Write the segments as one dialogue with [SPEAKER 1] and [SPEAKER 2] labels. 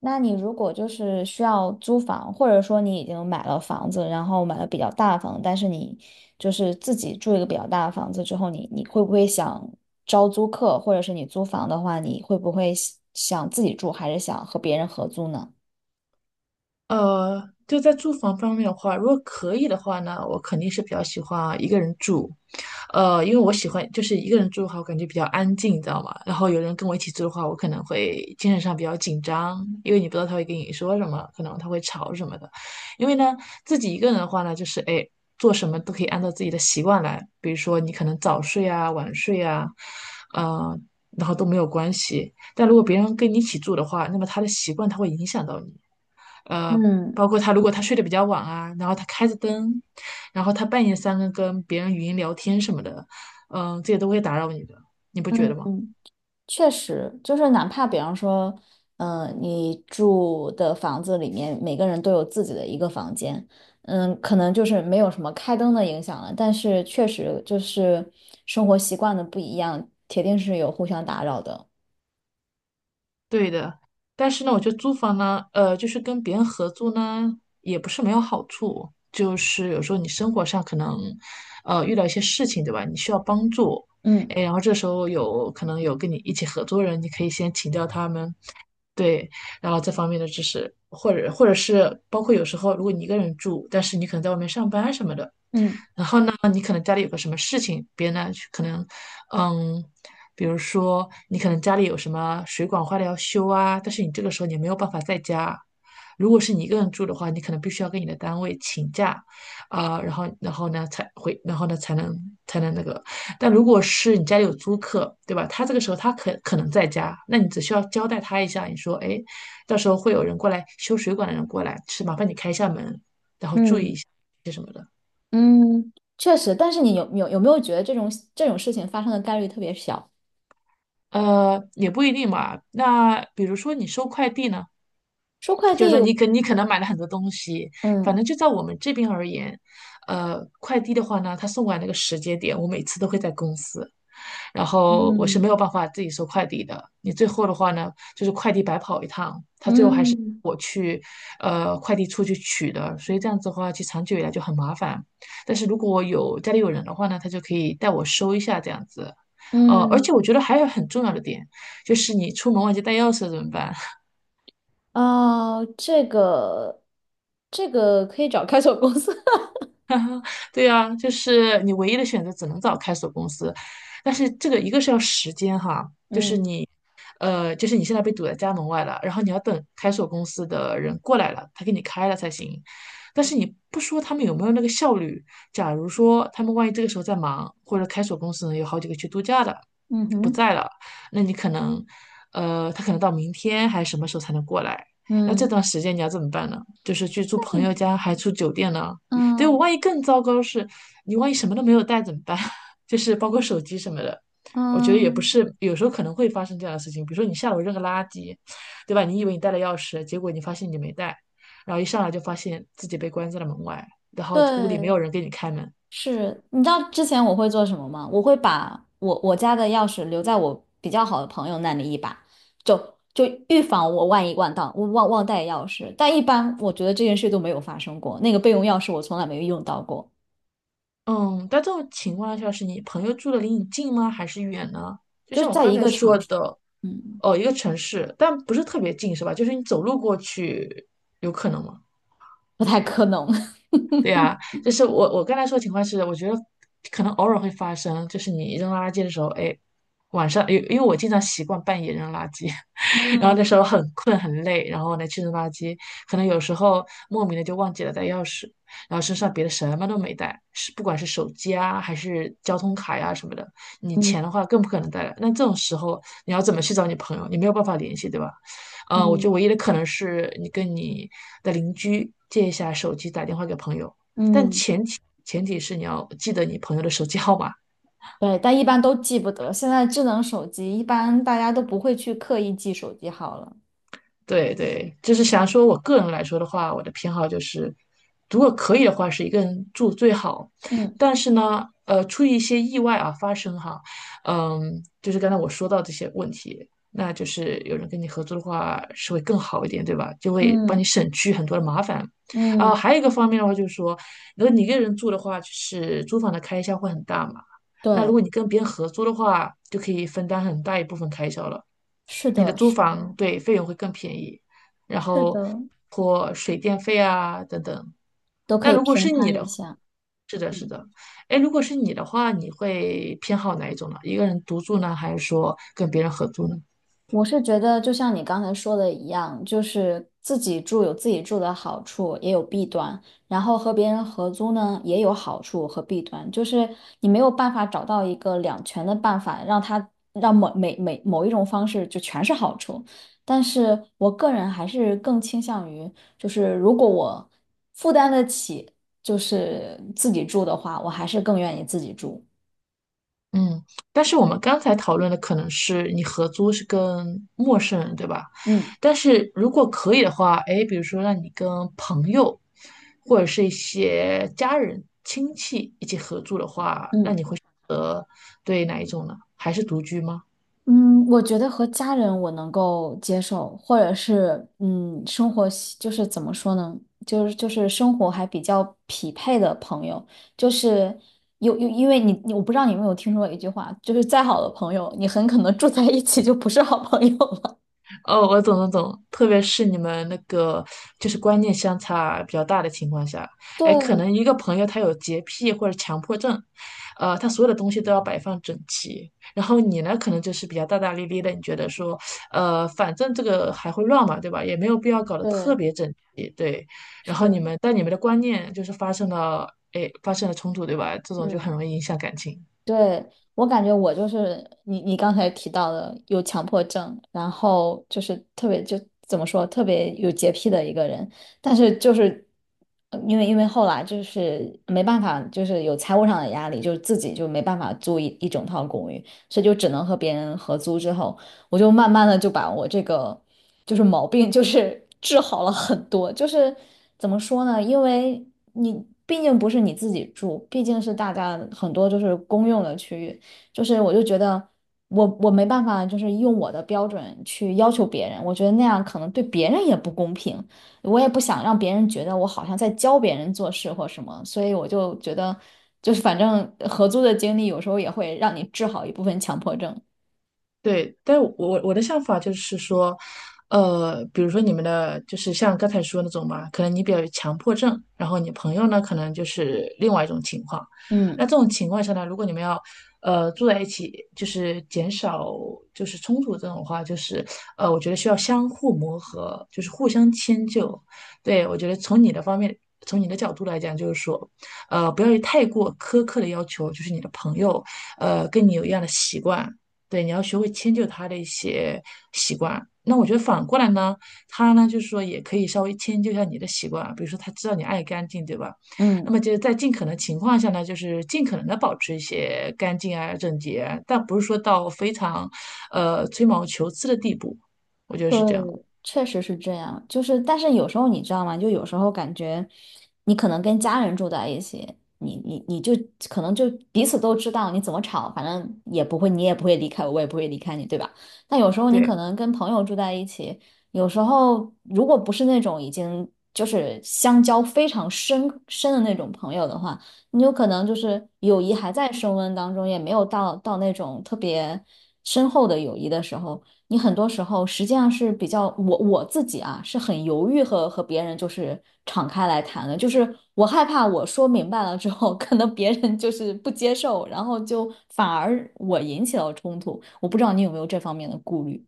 [SPEAKER 1] 那你如果就是需要租房，或者说你已经买了房子，然后买了比较大的房子，但是你就是自己住一个比较大的房子之后，你会不会想招租客，或者是你租房的话，你会不会想自己住，还是想和别人合租呢？
[SPEAKER 2] 呃，就在住房方面的话，如果可以的话呢，我肯定是比较喜欢一个人住，因为我喜欢就是一个人住的话，我感觉比较安静，你知道吗？然后有人跟我一起住的话，我可能会精神上比较紧张，因为你不知道他会跟你说什么，可能他会吵什么的。因为呢，自己一个人的话呢，就是哎，做什么都可以按照自己的习惯来，比如说你可能早睡啊、晚睡啊，呃，然后都没有关系。但如果别人跟你一起住的话，那么他的习惯他会影响到你。呃，
[SPEAKER 1] 嗯
[SPEAKER 2] 包括他如果他睡得比较晚啊，然后他开着灯，然后他半夜三更跟别人语音聊天什么的，嗯、这些都会打扰你的，你不觉
[SPEAKER 1] 嗯
[SPEAKER 2] 得吗？
[SPEAKER 1] 嗯。确实，就是哪怕比方说，你住的房子里面每个人都有自己的一个房间。可能就是没有什么开灯的影响了，但是确实就是生活习惯的不一样，铁定是有互相打扰的。
[SPEAKER 2] 对的，但是呢，我觉得租房呢，就是跟别人合租呢，也不是没有好处。就是有时候你生活上可能，遇到一些事情，对吧？你需要帮助，
[SPEAKER 1] 嗯
[SPEAKER 2] 哎，然后这时候有可能有跟你一起合租的人，你可以先请教他们，对，然后这方面的知识，或者是包括有时候如果你一个人住，但是你可能在外面上班什么的，
[SPEAKER 1] 嗯
[SPEAKER 2] 然后呢，你可能家里有个什么事情，别人呢可能嗯，比如说你可能家里有什么水管坏了要修啊，但是你这个时候你没有办法在家。如果是你一个人住的话，你可能必须要跟你的单位请假，啊、然后呢才回，然后呢才能才能那个。但如果是你家里有租客，对吧？他这个时候他可能在家，那你只需要交代他一下，你说，哎，到时候会有人过来修水管的人过来，是麻烦你开一下门，然后注意
[SPEAKER 1] 嗯
[SPEAKER 2] 一下。
[SPEAKER 1] 嗯，确实，但是你有没有觉得这种事情发生的概率特别小？
[SPEAKER 2] 也不一定嘛。那比如说你收快递呢？
[SPEAKER 1] 收快
[SPEAKER 2] 就是
[SPEAKER 1] 递，
[SPEAKER 2] 说你可能买了很多东西，反
[SPEAKER 1] 嗯
[SPEAKER 2] 正就在我们这边而言，快递的话呢，他送过来那个时间点，我每次都会在公司，然后我是没
[SPEAKER 1] 嗯
[SPEAKER 2] 有办法自己收快递的。你最后的话呢，就是快递白跑一趟，他最后还是
[SPEAKER 1] 嗯
[SPEAKER 2] 我去，快递处去取的，所以这样子的话，其实长久以来就很麻烦。但是如果有家里有人的话呢，他就可以带我收一下这样子。而
[SPEAKER 1] 嗯。
[SPEAKER 2] 且我觉得还有很重要的点，就是你出门忘记带钥匙怎么办？
[SPEAKER 1] 哦，这个可以找开锁公司。
[SPEAKER 2] 对啊，就是你唯一的选择只能找开锁公司，但是这个一个是要时间哈，就是
[SPEAKER 1] 嗯
[SPEAKER 2] 你。就是你现在被堵在家门外了，然后你要等开锁公司的人过来了，他给你开了才行。但是你不说他们有没有那个效率，假如说他们万一这个时候在忙，或者开锁公司呢有好几个去度假的，
[SPEAKER 1] 嗯
[SPEAKER 2] 不
[SPEAKER 1] 哼，
[SPEAKER 2] 在了，那你可能，他可能到明天还是什么时候才能过来？那这
[SPEAKER 1] 嗯
[SPEAKER 2] 段时间你要怎么办呢？就是去住朋友家，还住酒店呢？对，我
[SPEAKER 1] 嗯
[SPEAKER 2] 万一更糟糕是，你万一什么都没有带怎么办？就是包括手机什么的。我觉得也不
[SPEAKER 1] 嗯，
[SPEAKER 2] 是，有时候可能会发生这样的事情。比如说你下楼扔个垃圾，对吧？你以为你带了钥匙，结果你发现你没带，然后一上来就发现自己被关在了门外，然
[SPEAKER 1] 对，
[SPEAKER 2] 后屋里没有人给你开门。
[SPEAKER 1] 是。你知道之前我会做什么吗？我会把我家的钥匙留在我比较好的朋友那里一把，就预防我万一我忘带钥匙。但一般我觉得这件事都没有发生过，那个备用钥匙我从来没有用到过，
[SPEAKER 2] 嗯，但这种情况下是你朋友住的离你近吗？还是远呢？就
[SPEAKER 1] 就
[SPEAKER 2] 像
[SPEAKER 1] 是
[SPEAKER 2] 我
[SPEAKER 1] 在
[SPEAKER 2] 刚
[SPEAKER 1] 一
[SPEAKER 2] 才
[SPEAKER 1] 个
[SPEAKER 2] 说
[SPEAKER 1] 场所，
[SPEAKER 2] 的，
[SPEAKER 1] 嗯，
[SPEAKER 2] 哦，一个城市，但不是特别近，是吧？就是你走路过去，有可能吗？
[SPEAKER 1] 不太可能。
[SPEAKER 2] 就是我刚才说的情况是，我觉得可能偶尔会发生，就是你扔垃圾的时候，哎，晚上因为我经常习惯半夜扔垃圾，然后那
[SPEAKER 1] 嗯
[SPEAKER 2] 时候很困很累，然后呢去扔垃圾，可能有时候莫名的就忘记了带钥匙，然后身上别的什么都没带，是不管是手机啊还是交通卡呀、什么的，你
[SPEAKER 1] 嗯
[SPEAKER 2] 钱的话更不可能带了。那这种时候你要怎么去找你朋友？你没有办法联系，对吧？我觉得
[SPEAKER 1] 嗯。
[SPEAKER 2] 唯一的可能是你跟你的邻居借一下手机，打电话给朋友。但
[SPEAKER 1] 嗯，
[SPEAKER 2] 前提是你要记得你朋友的手机号码，
[SPEAKER 1] 对，但一般都记不得。现在智能手机一般大家都不会去刻意记手机号了。
[SPEAKER 2] 对对，就是想说，我个人来说的话，我的偏好就是，如果可以的话，是一个人住最好。
[SPEAKER 1] 嗯
[SPEAKER 2] 但是呢，出于一些意外啊发生哈，嗯，就是刚才我说到这些问题，那就是有人跟你合租的话是会更好一点，对吧？就会帮你
[SPEAKER 1] 嗯
[SPEAKER 2] 省去很多的麻烦。啊，
[SPEAKER 1] 嗯，
[SPEAKER 2] 还有一个方面的话就是说，如果你一个人住的话，就是租房的开销会很大嘛。那如
[SPEAKER 1] 对，
[SPEAKER 2] 果你跟别人合租的话，就可以分担很大一部分开销了。
[SPEAKER 1] 是
[SPEAKER 2] 你的
[SPEAKER 1] 的，
[SPEAKER 2] 租
[SPEAKER 1] 是的，
[SPEAKER 2] 房对费用会更便宜，然
[SPEAKER 1] 是
[SPEAKER 2] 后
[SPEAKER 1] 的，
[SPEAKER 2] 或水电费啊等等。
[SPEAKER 1] 都可
[SPEAKER 2] 那
[SPEAKER 1] 以
[SPEAKER 2] 如果
[SPEAKER 1] 平
[SPEAKER 2] 是你
[SPEAKER 1] 摊
[SPEAKER 2] 的
[SPEAKER 1] 一
[SPEAKER 2] 话，
[SPEAKER 1] 下。
[SPEAKER 2] 是的，是
[SPEAKER 1] 嗯。
[SPEAKER 2] 的，哎，如果是你的话，你会偏好哪一种呢？一个人独住呢，还是说跟别人合租呢？
[SPEAKER 1] 我是觉得，就像你刚才说的一样，就是自己住有自己住的好处，也有弊端。然后和别人合租呢，也有好处和弊端，就是你没有办法找到一个两全的办法，让每一种方式就全是好处。但是我个人还是更倾向于，就是如果我负担得起，就是自己住的话，我还是更愿意自己住。
[SPEAKER 2] 嗯，但是我们刚才讨论的可能是你合租是跟陌生人，对吧？
[SPEAKER 1] 嗯
[SPEAKER 2] 但是如果可以的话，哎，比如说让你跟朋友或者是一些家人、亲戚一起合租的话，那
[SPEAKER 1] 嗯。
[SPEAKER 2] 你会选择对哪一种呢？还是独居吗？
[SPEAKER 1] 嗯，我觉得和家人我能够接受，或者是生活习就是怎么说呢，就是生活还比较匹配的朋友，就是有有，因为你我不知道你有没有听说过一句话，就是再好的朋友，你很可能住在一起就不是好朋友了。
[SPEAKER 2] 哦，我懂，特别是你们那个就是观念相差比较大的情况下，
[SPEAKER 1] 对
[SPEAKER 2] 哎，可能一个朋友他有洁癖或者强迫症，他所有的东西都要摆放整齐，然后你呢，可能就是比较大大咧咧的，你觉得说，反正这个还会乱嘛，对吧？也没有必要搞得特
[SPEAKER 1] 对，
[SPEAKER 2] 别整齐，对。然后你
[SPEAKER 1] 是，
[SPEAKER 2] 们但你们的观念就是发生了，哎，发生了冲突，对吧？这种就很
[SPEAKER 1] 嗯。
[SPEAKER 2] 容易影响感情。
[SPEAKER 1] 对，我感觉我就是你刚才提到的有强迫症，然后就是特别就怎么说，特别有洁癖的一个人。但是就是因为后来就是没办法，就是有财务上的压力，就是自己就没办法租一整套公寓，所以就只能和别人合租之后。我就慢慢的就把我这个就是毛病就是 治好了很多，就是怎么说呢？因为你毕竟不是你自己住，毕竟是大家很多就是公用的区域，就是我就觉得我没办法就是用我的标准去要求别人，我觉得那样可能对别人也不公平，我也不想让别人觉得我好像在教别人做事或什么，所以我就觉得就是反正合租的经历有时候也会让你治好一部分强迫症。
[SPEAKER 2] 对，但我的想法就是说，比如说你们的，就是像刚才说那种嘛，可能你比较有强迫症，然后你朋友呢，可能就是另外一种情况。
[SPEAKER 1] 嗯
[SPEAKER 2] 那这种情况下呢，如果你们要呃住在一起，就是减少就是冲突这种话，就是我觉得需要相互磨合，就是互相迁就。对，我觉得从你的方面，从你的角度来讲，就是说，不要有太过苛刻的要求，就是你的朋友，跟你有一样的习惯。对，你要学会迁就他的一些习惯。那我觉得反过来呢，他呢就是说也可以稍微迁就一下你的习惯，比如说他知道你爱干净，对吧？那
[SPEAKER 1] 嗯。
[SPEAKER 2] 么就是在尽可能情况下呢，就是尽可能的保持一些干净啊、整洁啊但不是说到非常呃吹毛求疵的地步，我觉得
[SPEAKER 1] 对，
[SPEAKER 2] 是这样。
[SPEAKER 1] 确实是这样。就是，但是有时候你知道吗？就有时候感觉，你可能跟家人住在一起，你就可能就彼此都知道你怎么吵，反正也不会，你也不会离开我，我也不会离开你，对吧？但有时候你
[SPEAKER 2] 对。
[SPEAKER 1] 可能跟朋友住在一起，有时候如果不是那种已经就是相交非常深深的那种朋友的话，你有可能就是友谊还在升温当中，也没有到那种特别深厚的友谊的时候。你很多时候实际上是比较我自己啊，是很犹豫和别人就是敞开来谈的，就是我害怕我说明白了之后，可能别人就是不接受，然后就反而我引起了冲突。我不知道你有没有这方面的顾虑。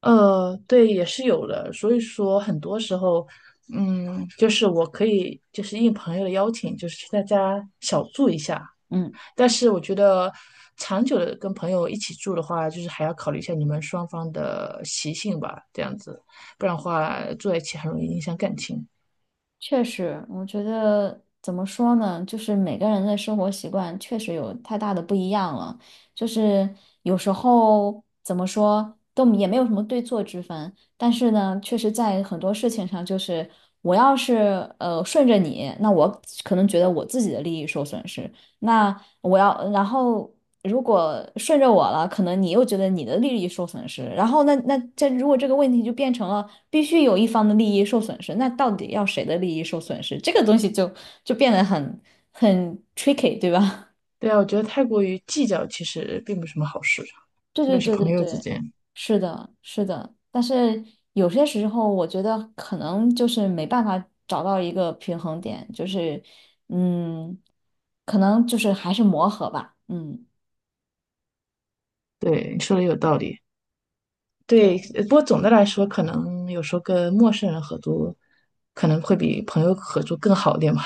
[SPEAKER 2] 对，也是有的。所以说，很多时候，嗯，就是我可以就是应朋友的邀请，就是去他家小住一下，
[SPEAKER 1] 嗯。
[SPEAKER 2] 但是我觉得长久的跟朋友一起住的话，就是还要考虑一下你们双方的习性吧，这样子，不然的话住在一起很容易影响感情。
[SPEAKER 1] 确实，我觉得怎么说呢，就是每个人的生活习惯确实有太大的不一样了。就是有时候怎么说都也没有什么对错之分，但是呢，确实在很多事情上，就是我要是顺着你，那我可能觉得我自己的利益受损失；那我要，然后如果顺着我了，可能你又觉得你的利益受损失，然后这如果这个问题就变成了必须有一方的利益受损失，那到底要谁的利益受损失？这个东西就变得很 tricky，对吧？
[SPEAKER 2] 对啊，我觉得太过于计较其实并不是什么好事，
[SPEAKER 1] 对
[SPEAKER 2] 特
[SPEAKER 1] 对
[SPEAKER 2] 别是
[SPEAKER 1] 对对
[SPEAKER 2] 朋友之
[SPEAKER 1] 对，
[SPEAKER 2] 间。
[SPEAKER 1] 是的，是的，但是有些时候我觉得可能就是没办法找到一个平衡点，就是嗯，可能就是还是磨合吧，嗯。
[SPEAKER 2] 对，你说的有道理。对，
[SPEAKER 1] 对。
[SPEAKER 2] 呃不过总的来说，可能有时候跟陌生人合租，可能会比朋友合租更好一点吧。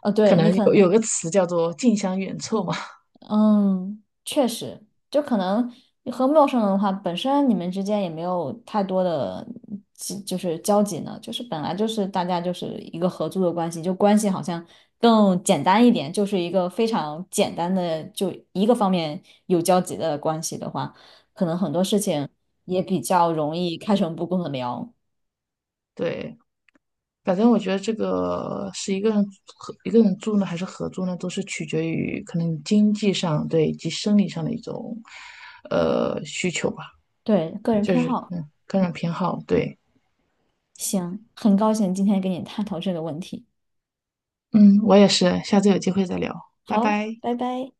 [SPEAKER 1] 对，你可
[SPEAKER 2] 有有
[SPEAKER 1] 能
[SPEAKER 2] 个词叫做"近乡远凑"嘛。
[SPEAKER 1] 嗯，确实，就可能你和陌生人的话，本身你们之间也没有太多的就是交集呢，就是本来就是大家就是一个合租的关系，就关系好像更简单一点，就是一个非常简单的，就一个方面有交集的关系的话，可能很多事情也比较容易开诚布公的聊。
[SPEAKER 2] 对，反正我觉得这个是一个人合一个人住呢，还是合租呢，都是取决于可能经济上对以及生理上的一种呃需求吧，
[SPEAKER 1] 对，个人
[SPEAKER 2] 就
[SPEAKER 1] 偏
[SPEAKER 2] 是
[SPEAKER 1] 好，
[SPEAKER 2] 嗯个人偏好。对，
[SPEAKER 1] 行，很高兴今天跟你探讨这个问题。
[SPEAKER 2] 嗯，我也是，下次有机会再聊，拜
[SPEAKER 1] 好，
[SPEAKER 2] 拜。
[SPEAKER 1] 拜拜。